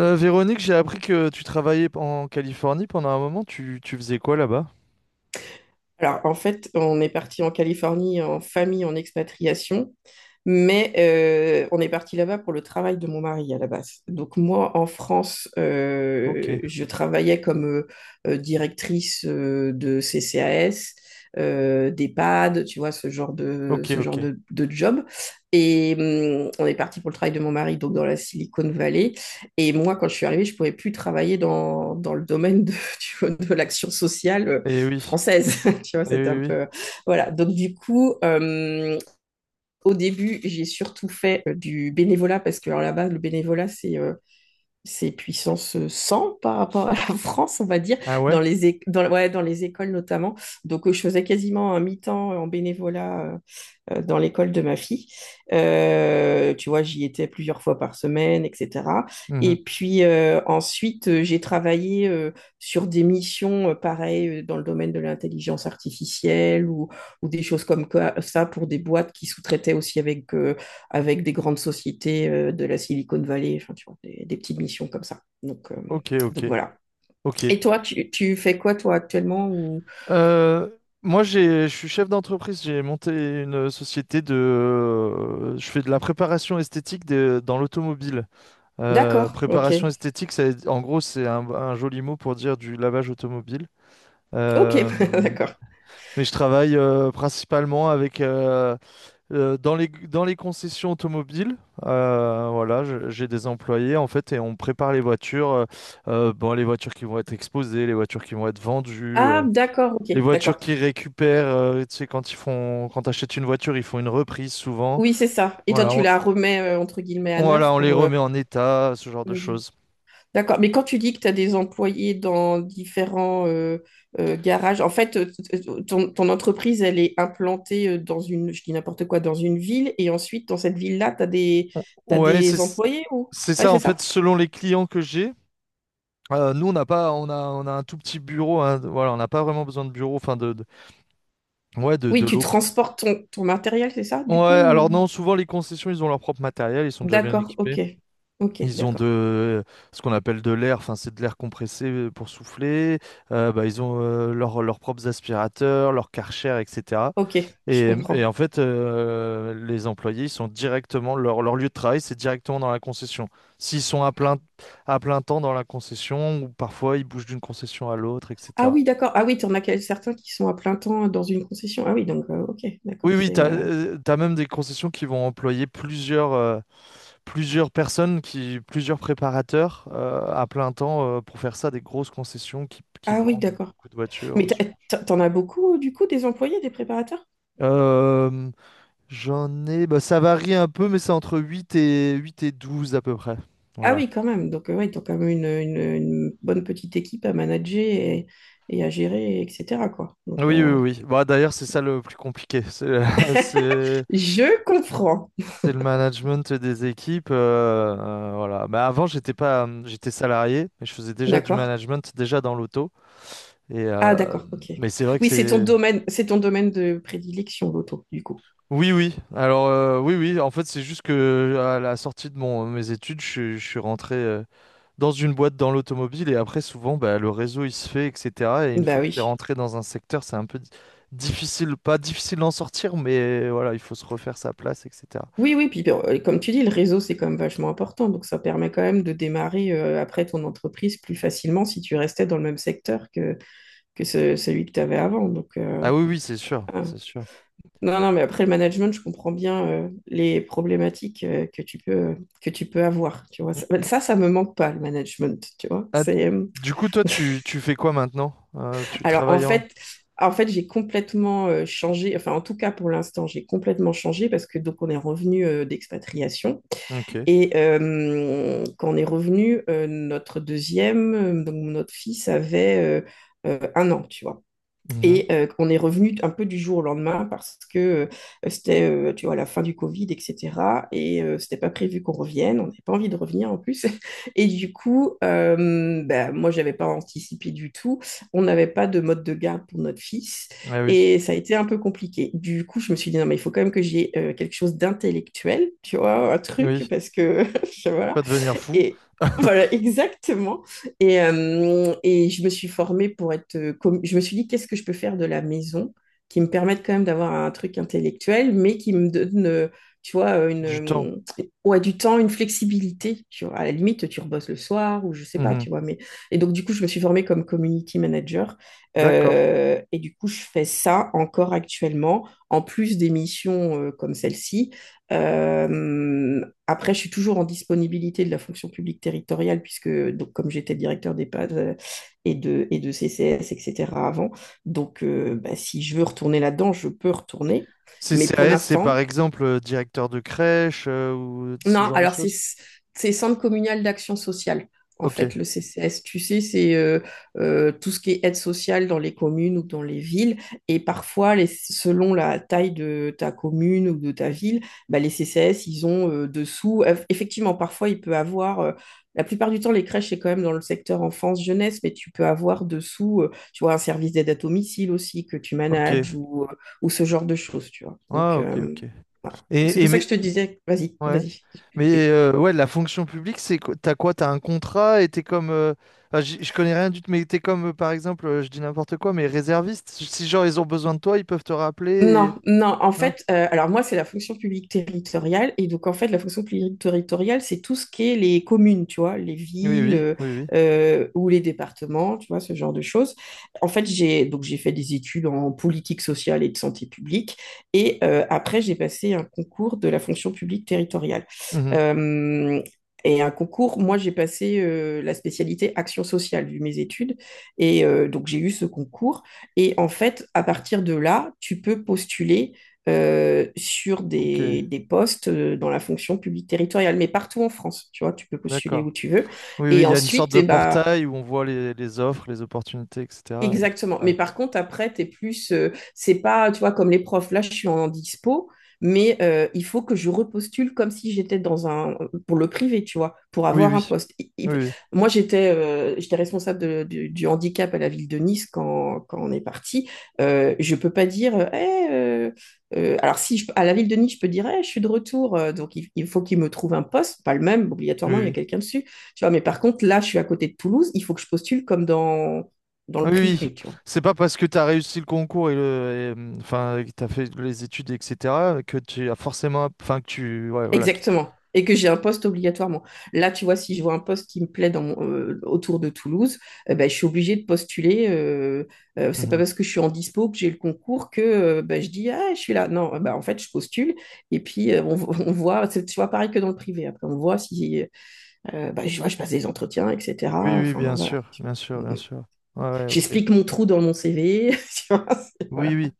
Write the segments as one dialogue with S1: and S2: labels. S1: Véronique, j'ai appris que tu travaillais en Californie pendant un moment. Tu faisais quoi là-bas?
S2: Alors, en fait, on est parti en Californie en famille, en expatriation, mais on est parti là-bas pour le travail de mon mari à la base. Donc, moi, en France,
S1: Ok,
S2: je travaillais comme directrice de CCAS, d'EHPAD, tu vois, ce genre de,
S1: ok,
S2: ce genre
S1: ok.
S2: de, de job. Et on est parti pour le travail de mon mari, donc dans la Silicon Valley. Et moi, quand je suis arrivée, je pouvais plus travailler dans le domaine de, tu vois, de l'action sociale
S1: Eh oui,
S2: française, tu vois,
S1: eh
S2: c'était un
S1: oui, oui.
S2: peu. Voilà, donc du coup, au début, j'ai surtout fait du bénévolat, parce que alors, là-bas, le bénévolat, c'est puissance 100 par rapport à la France, on va dire,
S1: Ah ouais?
S2: dans les, é- dans, ouais, dans les écoles notamment. Donc, je faisais quasiment un mi-temps en bénévolat dans l'école de ma fille. Tu vois, j'y étais plusieurs fois par semaine, etc.
S1: Mhm.
S2: Et puis ensuite, j'ai travaillé sur des missions, pareil, dans le domaine de l'intelligence artificielle ou des choses comme ça pour des boîtes qui sous-traitaient aussi avec des grandes sociétés de la Silicon Valley, enfin, tu vois, des petites missions comme ça. Donc, euh,
S1: Ok, ok,
S2: donc voilà.
S1: ok.
S2: Et toi, tu fais quoi, toi, actuellement ou.
S1: Euh, Moi, je suis chef d'entreprise. J'ai monté une société de. Je fais de la préparation esthétique dans l'automobile.
S2: D'accord, ok.
S1: Préparation esthétique, ça, en gros, c'est un joli mot pour dire du lavage automobile.
S2: Ok,
S1: Euh,
S2: d'accord.
S1: mais je travaille principalement avec. Dans les concessions automobiles. Voilà, j'ai des employés en fait et on prépare les voitures, bon, les voitures qui vont être exposées, les voitures qui vont être vendues,
S2: Ah, d'accord, ok,
S1: les voitures
S2: d'accord.
S1: qui récupèrent, tu sais, quand t'achètes une voiture, ils font une reprise souvent.
S2: Oui, c'est ça. Et toi,
S1: Voilà,
S2: tu la remets, entre guillemets, à neuf
S1: voilà, on les
S2: pour.
S1: remet en état, ce genre de
S2: Je-
S1: choses.
S2: D'accord. Mais quand tu dis que tu as des employés dans différents garages, en fait, ton entreprise, elle est implantée dans une, je dis n'importe quoi, dans une ville. Et ensuite, dans cette ville-là, tu as des, t'as
S1: Ouais,
S2: des
S1: c'est
S2: employés ou.
S1: c'est
S2: Ouais,
S1: ça
S2: c'est
S1: en fait,
S2: ça?
S1: selon les clients que j'ai. Nous, on n'a pas, on a un tout petit bureau, hein, voilà, on n'a pas vraiment besoin de bureau, enfin ouais, de
S2: Oui, tu
S1: locaux.
S2: transportes ton matériel, c'est ça,
S1: Ouais,
S2: du
S1: alors
S2: coup? Ou.
S1: non, souvent les concessions, ils ont leur propre matériel, ils sont déjà bien
S2: D'accord,
S1: équipés.
S2: ok. Ok,
S1: Ils ont
S2: d'accord.
S1: de ce qu'on appelle de l'air, enfin c'est de l'air compressé pour souffler. Bah, ils ont leurs propres aspirateurs, leurs Karcher, etc.
S2: Ok, je
S1: Et
S2: comprends.
S1: en fait, les employés, ils sont directement, leur lieu de travail, c'est directement dans la concession. S'ils sont à plein temps dans la concession, ou parfois ils bougent d'une concession à l'autre,
S2: Ah
S1: etc.
S2: oui, d'accord. Ah oui, tu en as certains qui sont à plein temps dans une concession. Ah oui, donc, ok,
S1: Oui,
S2: d'accord,
S1: oui,
S2: c'est.
S1: t'as, euh, t'as même des concessions qui vont employer plusieurs personnes, plusieurs préparateurs à plein temps pour faire ça, des grosses concessions qui
S2: Ah oui,
S1: vendent
S2: d'accord.
S1: beaucoup de voitures,
S2: Mais
S1: ce genre de
S2: t'en as beaucoup, du coup, des employés, des préparateurs?
S1: choses. J'en ai, bah, ça varie un peu, mais c'est entre huit et 12 à peu près.
S2: Ah
S1: Voilà.
S2: oui, quand même. Donc, ouais, t'as quand même une bonne petite équipe à manager et à gérer, etc., quoi. Donc,
S1: Oui, oui, oui. Bah, d'ailleurs, c'est ça le plus compliqué. C'est c'est-
S2: je comprends.
S1: c'est le management des équipes, voilà. Mais avant, j'étais pas, j'étais salarié, mais je faisais déjà du
S2: D'accord.
S1: management, déjà dans l'auto. Et
S2: Ah,
S1: euh,
S2: d'accord, ok.
S1: mais c'est vrai que
S2: Oui,
S1: c'est.
S2: c'est ton domaine de prédilection, l'auto, du coup.
S1: Oui, oui. Alors oui, oui. En fait c'est juste que à la sortie de mon mes études, je suis rentré dans une boîte dans l'automobile et après souvent bah, le réseau il se fait, etc. Et une
S2: Bah
S1: fois que tu es
S2: oui.
S1: rentré dans un secteur, c'est un peu difficile, pas difficile d'en sortir, mais voilà, il faut se refaire sa place, etc.
S2: Oui, oui, puis bon, comme tu dis, le réseau, c'est quand même vachement important. Donc, ça permet quand même de démarrer après ton entreprise plus facilement si tu restais dans le même secteur celui que tu avais avant. Donc,
S1: Ah oui, oui, c'est sûr, c'est sûr.
S2: non, non, mais après le management, je comprends bien les problématiques que tu peux avoir, tu vois.
S1: Mm,
S2: Ça, bah,
S1: mm.
S2: ça me manque pas, le management, tu vois.
S1: Ah, du coup toi, tu fais quoi maintenant? Tu
S2: Alors, en
S1: travailles en...
S2: fait, j'ai complètement changé, enfin, en tout cas, pour l'instant, j'ai complètement changé parce que, donc, on est revenu d'expatriation.
S1: Ok.
S2: Et quand on est revenu, notre deuxième, donc, notre fils avait 1 an, tu vois.
S1: Mhm.
S2: Et on est revenu un peu du jour au lendemain parce que c'était, tu vois, la fin du Covid, etc. Et c'était pas prévu qu'on revienne. On n'avait pas envie de revenir en plus. Et du coup, ben, moi, j'avais pas anticipé du tout. On n'avait pas de mode de garde pour notre fils.
S1: Ah oui,
S2: Et ça a été un peu compliqué. Du coup, je me suis dit, non, mais il faut quand même que j'ai quelque chose d'intellectuel, tu vois, un truc,
S1: oui.
S2: parce que, voilà,
S1: Pas devenir fou.
S2: et voilà, exactement. Et je me suis formée pour être. Je me suis dit, qu'est-ce que je peux faire de la maison qui me permette quand même d'avoir un truc intellectuel, mais qui me donne, tu vois,
S1: Du temps.
S2: ouais, du temps, une flexibilité. Tu vois, à la limite, tu rebosses le soir ou je sais pas,
S1: Mhm.
S2: tu vois. Mais. Et donc, du coup, je me suis formée comme community manager.
S1: D'accord.
S2: Et du coup, je fais ça encore actuellement, en plus des missions comme celle-ci. Euh, Après, je suis toujours en disponibilité de la fonction publique territoriale, puisque donc, comme j'étais directeur d'EHPAD et de CCS, etc. avant, donc bah, si je veux retourner là-dedans, je peux retourner. Mais pour
S1: CCAS, c'est par
S2: l'instant,
S1: exemple directeur de crèche ou ce
S2: non,
S1: genre de
S2: alors c'est
S1: choses?
S2: c'est Centre communal d'action sociale. En
S1: Ok,
S2: fait, le CCS, tu sais, c'est tout ce qui est aide sociale dans les communes ou dans les villes. Et parfois, selon la taille de ta commune ou de ta ville, bah, les CCS, ils ont dessous. Effectivement, parfois, il peut avoir. La plupart du temps, les crèches, c'est quand même dans le secteur enfance-jeunesse, mais tu peux avoir dessous, tu vois, un service d'aide à domicile aussi que tu
S1: ok.
S2: manages ou ce genre de choses, tu vois.
S1: Ah,
S2: Donc,
S1: ok, ok.
S2: voilà. Donc, c'est
S1: Et
S2: pour ça que je
S1: mais
S2: te disais, vas-y,
S1: ouais.
S2: vas-y.
S1: Mais
S2: APP.
S1: ouais, la fonction publique, c'est quoi? T'as quoi? T'as un contrat et t'es comme. Enfin, je connais rien du tout, mais t'es comme par exemple, je dis n'importe quoi, mais réserviste. Si genre ils ont besoin de toi, ils peuvent te rappeler.
S2: Non, non, en
S1: Hein.
S2: fait, alors moi, c'est la fonction publique territoriale. Et donc, en fait, la fonction publique territoriale, c'est tout ce qui est les communes, tu vois, les
S1: Oui,
S2: villes
S1: oui, oui, oui.
S2: ou les départements, tu vois, ce genre de choses. En fait, j'ai donc j'ai fait des études en politique sociale et de santé publique. Et après, j'ai passé un concours de la fonction publique territoriale.
S1: Mhm.
S2: Euh, Et un concours, moi j'ai passé la spécialité action sociale vu mes études. Et donc j'ai eu ce concours. Et en fait, à partir de là, tu peux postuler sur
S1: Ok,
S2: des postes dans la fonction publique territoriale, mais partout en France, tu vois, tu peux postuler
S1: d'accord.
S2: où tu veux.
S1: Oui, oui,
S2: Et
S1: il y a une sorte
S2: ensuite,
S1: de
S2: eh ben,
S1: portail où on voit les offres, les opportunités, etc.
S2: exactement.
S1: Ouais.
S2: Mais par contre, après, t'es plus. C'est pas, tu vois, comme les profs. Là, je suis en dispo, mais il faut que je repostule comme si j'étais dans un. Pour le privé, tu vois, pour
S1: Oui,
S2: avoir un
S1: oui.
S2: poste.
S1: Oui, oui.
S2: Moi, j'étais responsable du handicap à la ville de Nice quand on est parti. Je peux pas dire. Alors, si je- à la ville de Nice, je peux dire, Eh, je suis de retour, donc il faut qu'il me trouve un poste, pas le même,
S1: Oui,
S2: obligatoirement, il y a
S1: oui.
S2: quelqu'un dessus. Tu vois, mais par contre, là, je suis à côté de Toulouse, il faut que je postule comme dans
S1: Ah,
S2: le
S1: oui, oui.
S2: privé, tu vois.
S1: C'est pas parce que tu as réussi le concours et enfin, que tu fait les études, etc., que tu as forcément, enfin, ouais, voilà.
S2: Exactement. Et que j'ai un poste obligatoirement. Là, tu vois, si je vois un poste qui me plaît autour de Toulouse, eh ben, je suis obligée de postuler. C'est pas
S1: Mhm.
S2: parce que je suis en dispo que j'ai le concours que ben, je dis, ah, je suis là. Non, eh ben, en fait, je postule. Et puis, on voit, tu vois, pareil que dans le privé. Après, on voit si, ben, je vois, je passe des entretiens, etc.
S1: Oui, oui,
S2: Enfin,
S1: bien
S2: voilà.
S1: sûr, bien sûr, bien sûr. Ouais, ouais, ok.
S2: J'explique mon trou dans mon CV. Tu vois,
S1: Oui,
S2: voilà.
S1: oui.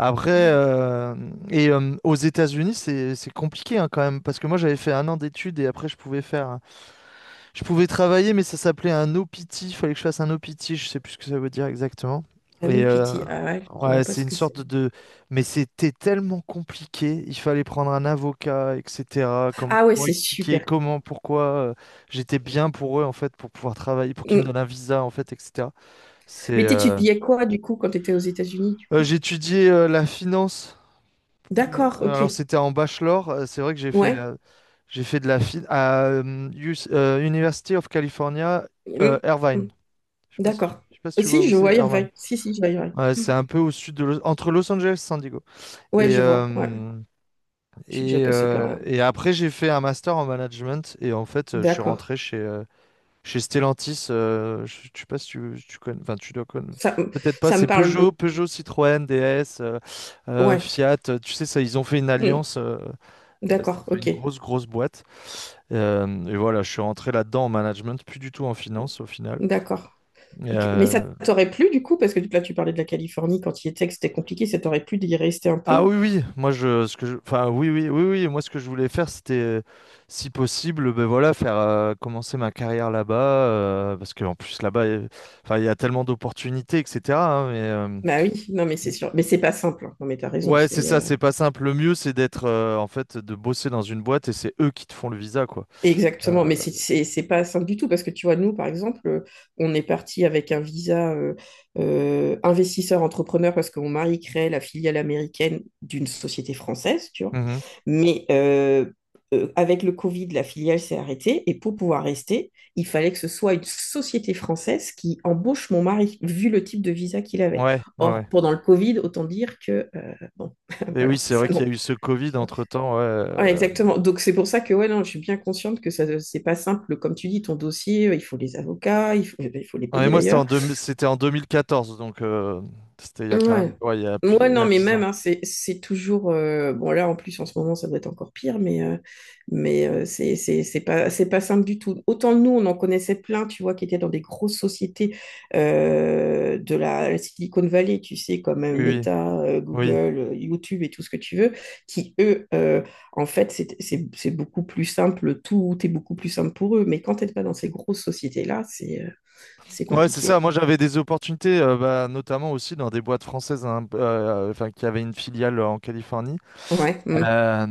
S1: Après, aux États-Unis, c'est compliqué hein, quand même, parce que moi j'avais fait un an d'études et après je pouvais faire. Je pouvais travailler, mais ça s'appelait un OPT. Il fallait que je fasse un OPT. Je sais plus ce que ça veut dire exactement.
S2: Ah,
S1: Et
S2: No
S1: euh,
S2: Pity, ah ouais, je vois
S1: ouais,
S2: pas
S1: c'est
S2: ce
S1: une
S2: que c'est.
S1: sorte de. Mais c'était tellement compliqué. Il fallait prendre un avocat, etc. Comme
S2: Ah ouais,
S1: pour
S2: c'est
S1: expliquer
S2: super.
S1: comment, pourquoi j'étais bien pour eux en fait, pour pouvoir travailler, pour qu'ils me
S2: Mm.
S1: donnent un visa en fait, etc. C'est.
S2: Mais t'étudiais quoi du coup quand t'étais aux États-Unis? Du coup.
S1: J'ai étudié la finance.
S2: D'accord,
S1: Euh,
S2: ok.
S1: Alors c'était en bachelor. C'est vrai que j'ai fait.
S2: Ouais.
S1: J'ai fait de la finance à University of California,
S2: Mm, mm.
S1: Irvine.
S2: D'accord.
S1: Je sais pas si tu vois
S2: Si,
S1: où
S2: je vois
S1: c'est, Irvine.
S2: Irvine. Si, si, je vois Irvine.
S1: Ouais, c'est un peu au sud de entre Los Angeles et San Diego.
S2: Ouais,
S1: Et,
S2: je vois. Ouais,
S1: euh,
S2: je suis déjà
S1: et,
S2: passée par
S1: euh,
S2: là.
S1: et après, j'ai fait un master en management. Et en fait, je suis
S2: D'accord.
S1: rentré chez Stellantis. Je sais pas si tu connais. Enfin, tu dois connaître.
S2: Ça, mm,
S1: Peut-être pas.
S2: ça me
S1: C'est
S2: parle.
S1: Peugeot, Peugeot, Citroën, DS,
S2: Ouais.
S1: Fiat. Tu sais, ça, ils ont fait une
S2: Mm.
S1: alliance, ça
S2: D'accord,
S1: fait une
S2: ok.
S1: grosse, grosse boîte. Et voilà, je suis rentré là-dedans en management, plus du tout en finance au final.
S2: D'accord. Ok. Mais ça
S1: Euh,
S2: t'aurait plu du coup, parce que là tu parlais de la Californie quand il était, que c'était compliqué, ça t'aurait plu d'y rester un
S1: Ah
S2: peu?
S1: oui, oui, moi je, ce que je, enfin oui, oui, oui, oui, moi ce que je voulais faire, c'était, si possible, ben voilà, faire commencer ma carrière là-bas, parce qu'en plus là-bas, enfin il y a tellement d'opportunités, etc. Hein, mais
S2: Bah oui, non mais c'est sûr. Mais c'est pas simple, hein. Non mais t'as raison,
S1: ouais, c'est
S2: c'est.
S1: ça, c'est pas simple. Le mieux, c'est d'être, en fait, de bosser dans une boîte et c'est eux qui te font le visa, quoi. Euh,
S2: Exactement, mais c'est pas simple du tout parce que tu vois, nous, par exemple, on est parti avec un visa investisseur-entrepreneur parce que mon mari crée la filiale américaine d'une société française, tu vois.
S1: mhm.
S2: Mais avec le Covid, la filiale s'est arrêtée et pour pouvoir rester, il fallait que ce soit une société française qui embauche mon mari, vu le type de visa qu'il avait.
S1: Ouais, ouais. Ouais.
S2: Or, pendant le Covid, autant dire que, bon,
S1: Et oui,
S2: voilà,
S1: c'est
S2: ça
S1: vrai qu'il y
S2: non.
S1: a eu ce Covid entre-temps. Ouais.
S2: Ouais, exactement. Donc c'est pour ça que ouais, non, je suis bien consciente que ça, c'est pas simple. Comme tu dis, ton dossier, il faut les avocats, il faut, eh ben, il faut les
S1: Ah, et
S2: payer
S1: moi, c'était en,
S2: d'ailleurs.
S1: deux- c'était en 2014 donc c'était il y a quand même,
S2: Ouais.
S1: ouais, il y a plus,
S2: Moi,
S1: il y
S2: non,
S1: a
S2: mais
S1: 10 ans.
S2: même, hein, c'est toujours. Bon, là, en plus, en ce moment, ça doit être encore pire, mais c'est pas simple du tout. Autant nous, on en connaissait plein, tu vois, qui étaient dans des grosses sociétés de la Silicon Valley, tu sais, comme
S1: Oui, oui,
S2: Meta,
S1: oui.
S2: Google, YouTube et tout ce que tu veux, qui, eux, en fait, c'est beaucoup plus simple, tout est beaucoup plus simple pour eux. Mais quand t'es pas dans ces grosses sociétés-là, c'est
S1: Ouais, c'est
S2: compliqué.
S1: ça. Moi, j'avais des opportunités, bah, notamment aussi dans des boîtes françaises, hein, enfin, qui avaient une filiale en Californie.
S2: Ouais.
S1: Euh,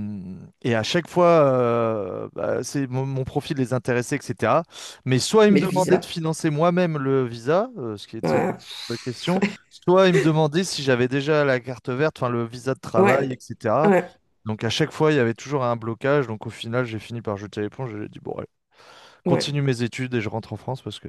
S1: et à chaque fois, bah, c'est mon profil les intéressait, etc. Mais soit ils me
S2: Mais le
S1: demandaient de
S2: visa.
S1: financer moi-même le visa, ce qui était
S2: Ouais.
S1: la question, soit ils me demandaient si j'avais déjà la carte verte, enfin le visa de travail,
S2: Ouais,
S1: etc.
S2: ouais,
S1: Donc à chaque fois, il y avait toujours un blocage. Donc au final, j'ai fini par jeter l'éponge. J'ai dit bon, allez,
S2: ouais.
S1: continue mes études et je rentre en France parce que.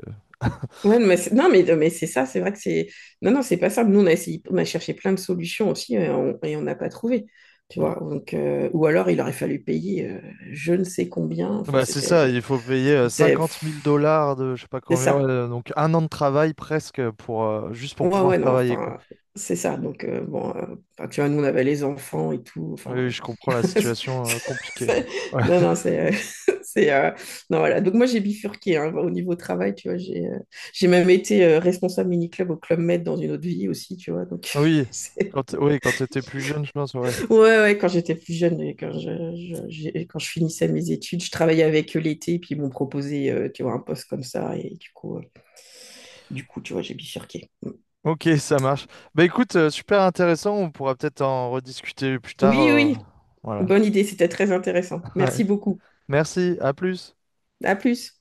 S2: Ouais, mais non, mais c'est ça, c'est vrai que c'est. Non, non, c'est pas simple. Nous, on a essayé, on a cherché plein de solutions aussi et on n'a pas trouvé. Tu
S1: Ouais.
S2: vois, donc, ou alors il aurait fallu payer je ne sais combien. Enfin,
S1: Bah, c'est ça,
S2: c'était.
S1: il faut payer
S2: C'était. Pff,
S1: 50 000 dollars de je sais pas
S2: c'est
S1: combien, ouais,
S2: ça.
S1: donc un an de travail presque pour juste pour
S2: Ouais,
S1: pouvoir
S2: ouais, non,
S1: travailler quoi.
S2: enfin, c'est ça. Donc, bon, enfin, tu vois, nous, on avait les enfants et tout. Enfin,
S1: Oui, je comprends la situation compliquée. Ouais.
S2: non, non, c'est. C'est, non, voilà. Donc, moi, j'ai bifurqué hein, au niveau travail, tu vois. J'ai même été responsable mini-club au Club Med dans une autre vie aussi, tu vois. Donc,
S1: Oui,
S2: c'est-
S1: oui, quand t'étais plus jeune, je pense, ouais.
S2: ouais, ouais, quand j'étais plus jeune, et quand quand je finissais mes études, je travaillais avec eux l'été, puis ils m'ont proposé, tu vois, un poste comme ça. Et du coup, tu vois, j'ai bifurqué.
S1: Ok, ça marche. Bah écoute, super intéressant, on pourra peut-être en rediscuter plus tard.
S2: Oui, oui.
S1: Voilà.
S2: Bonne idée, c'était très intéressant.
S1: Ouais.
S2: Merci beaucoup.
S1: Merci, à plus.
S2: À plus.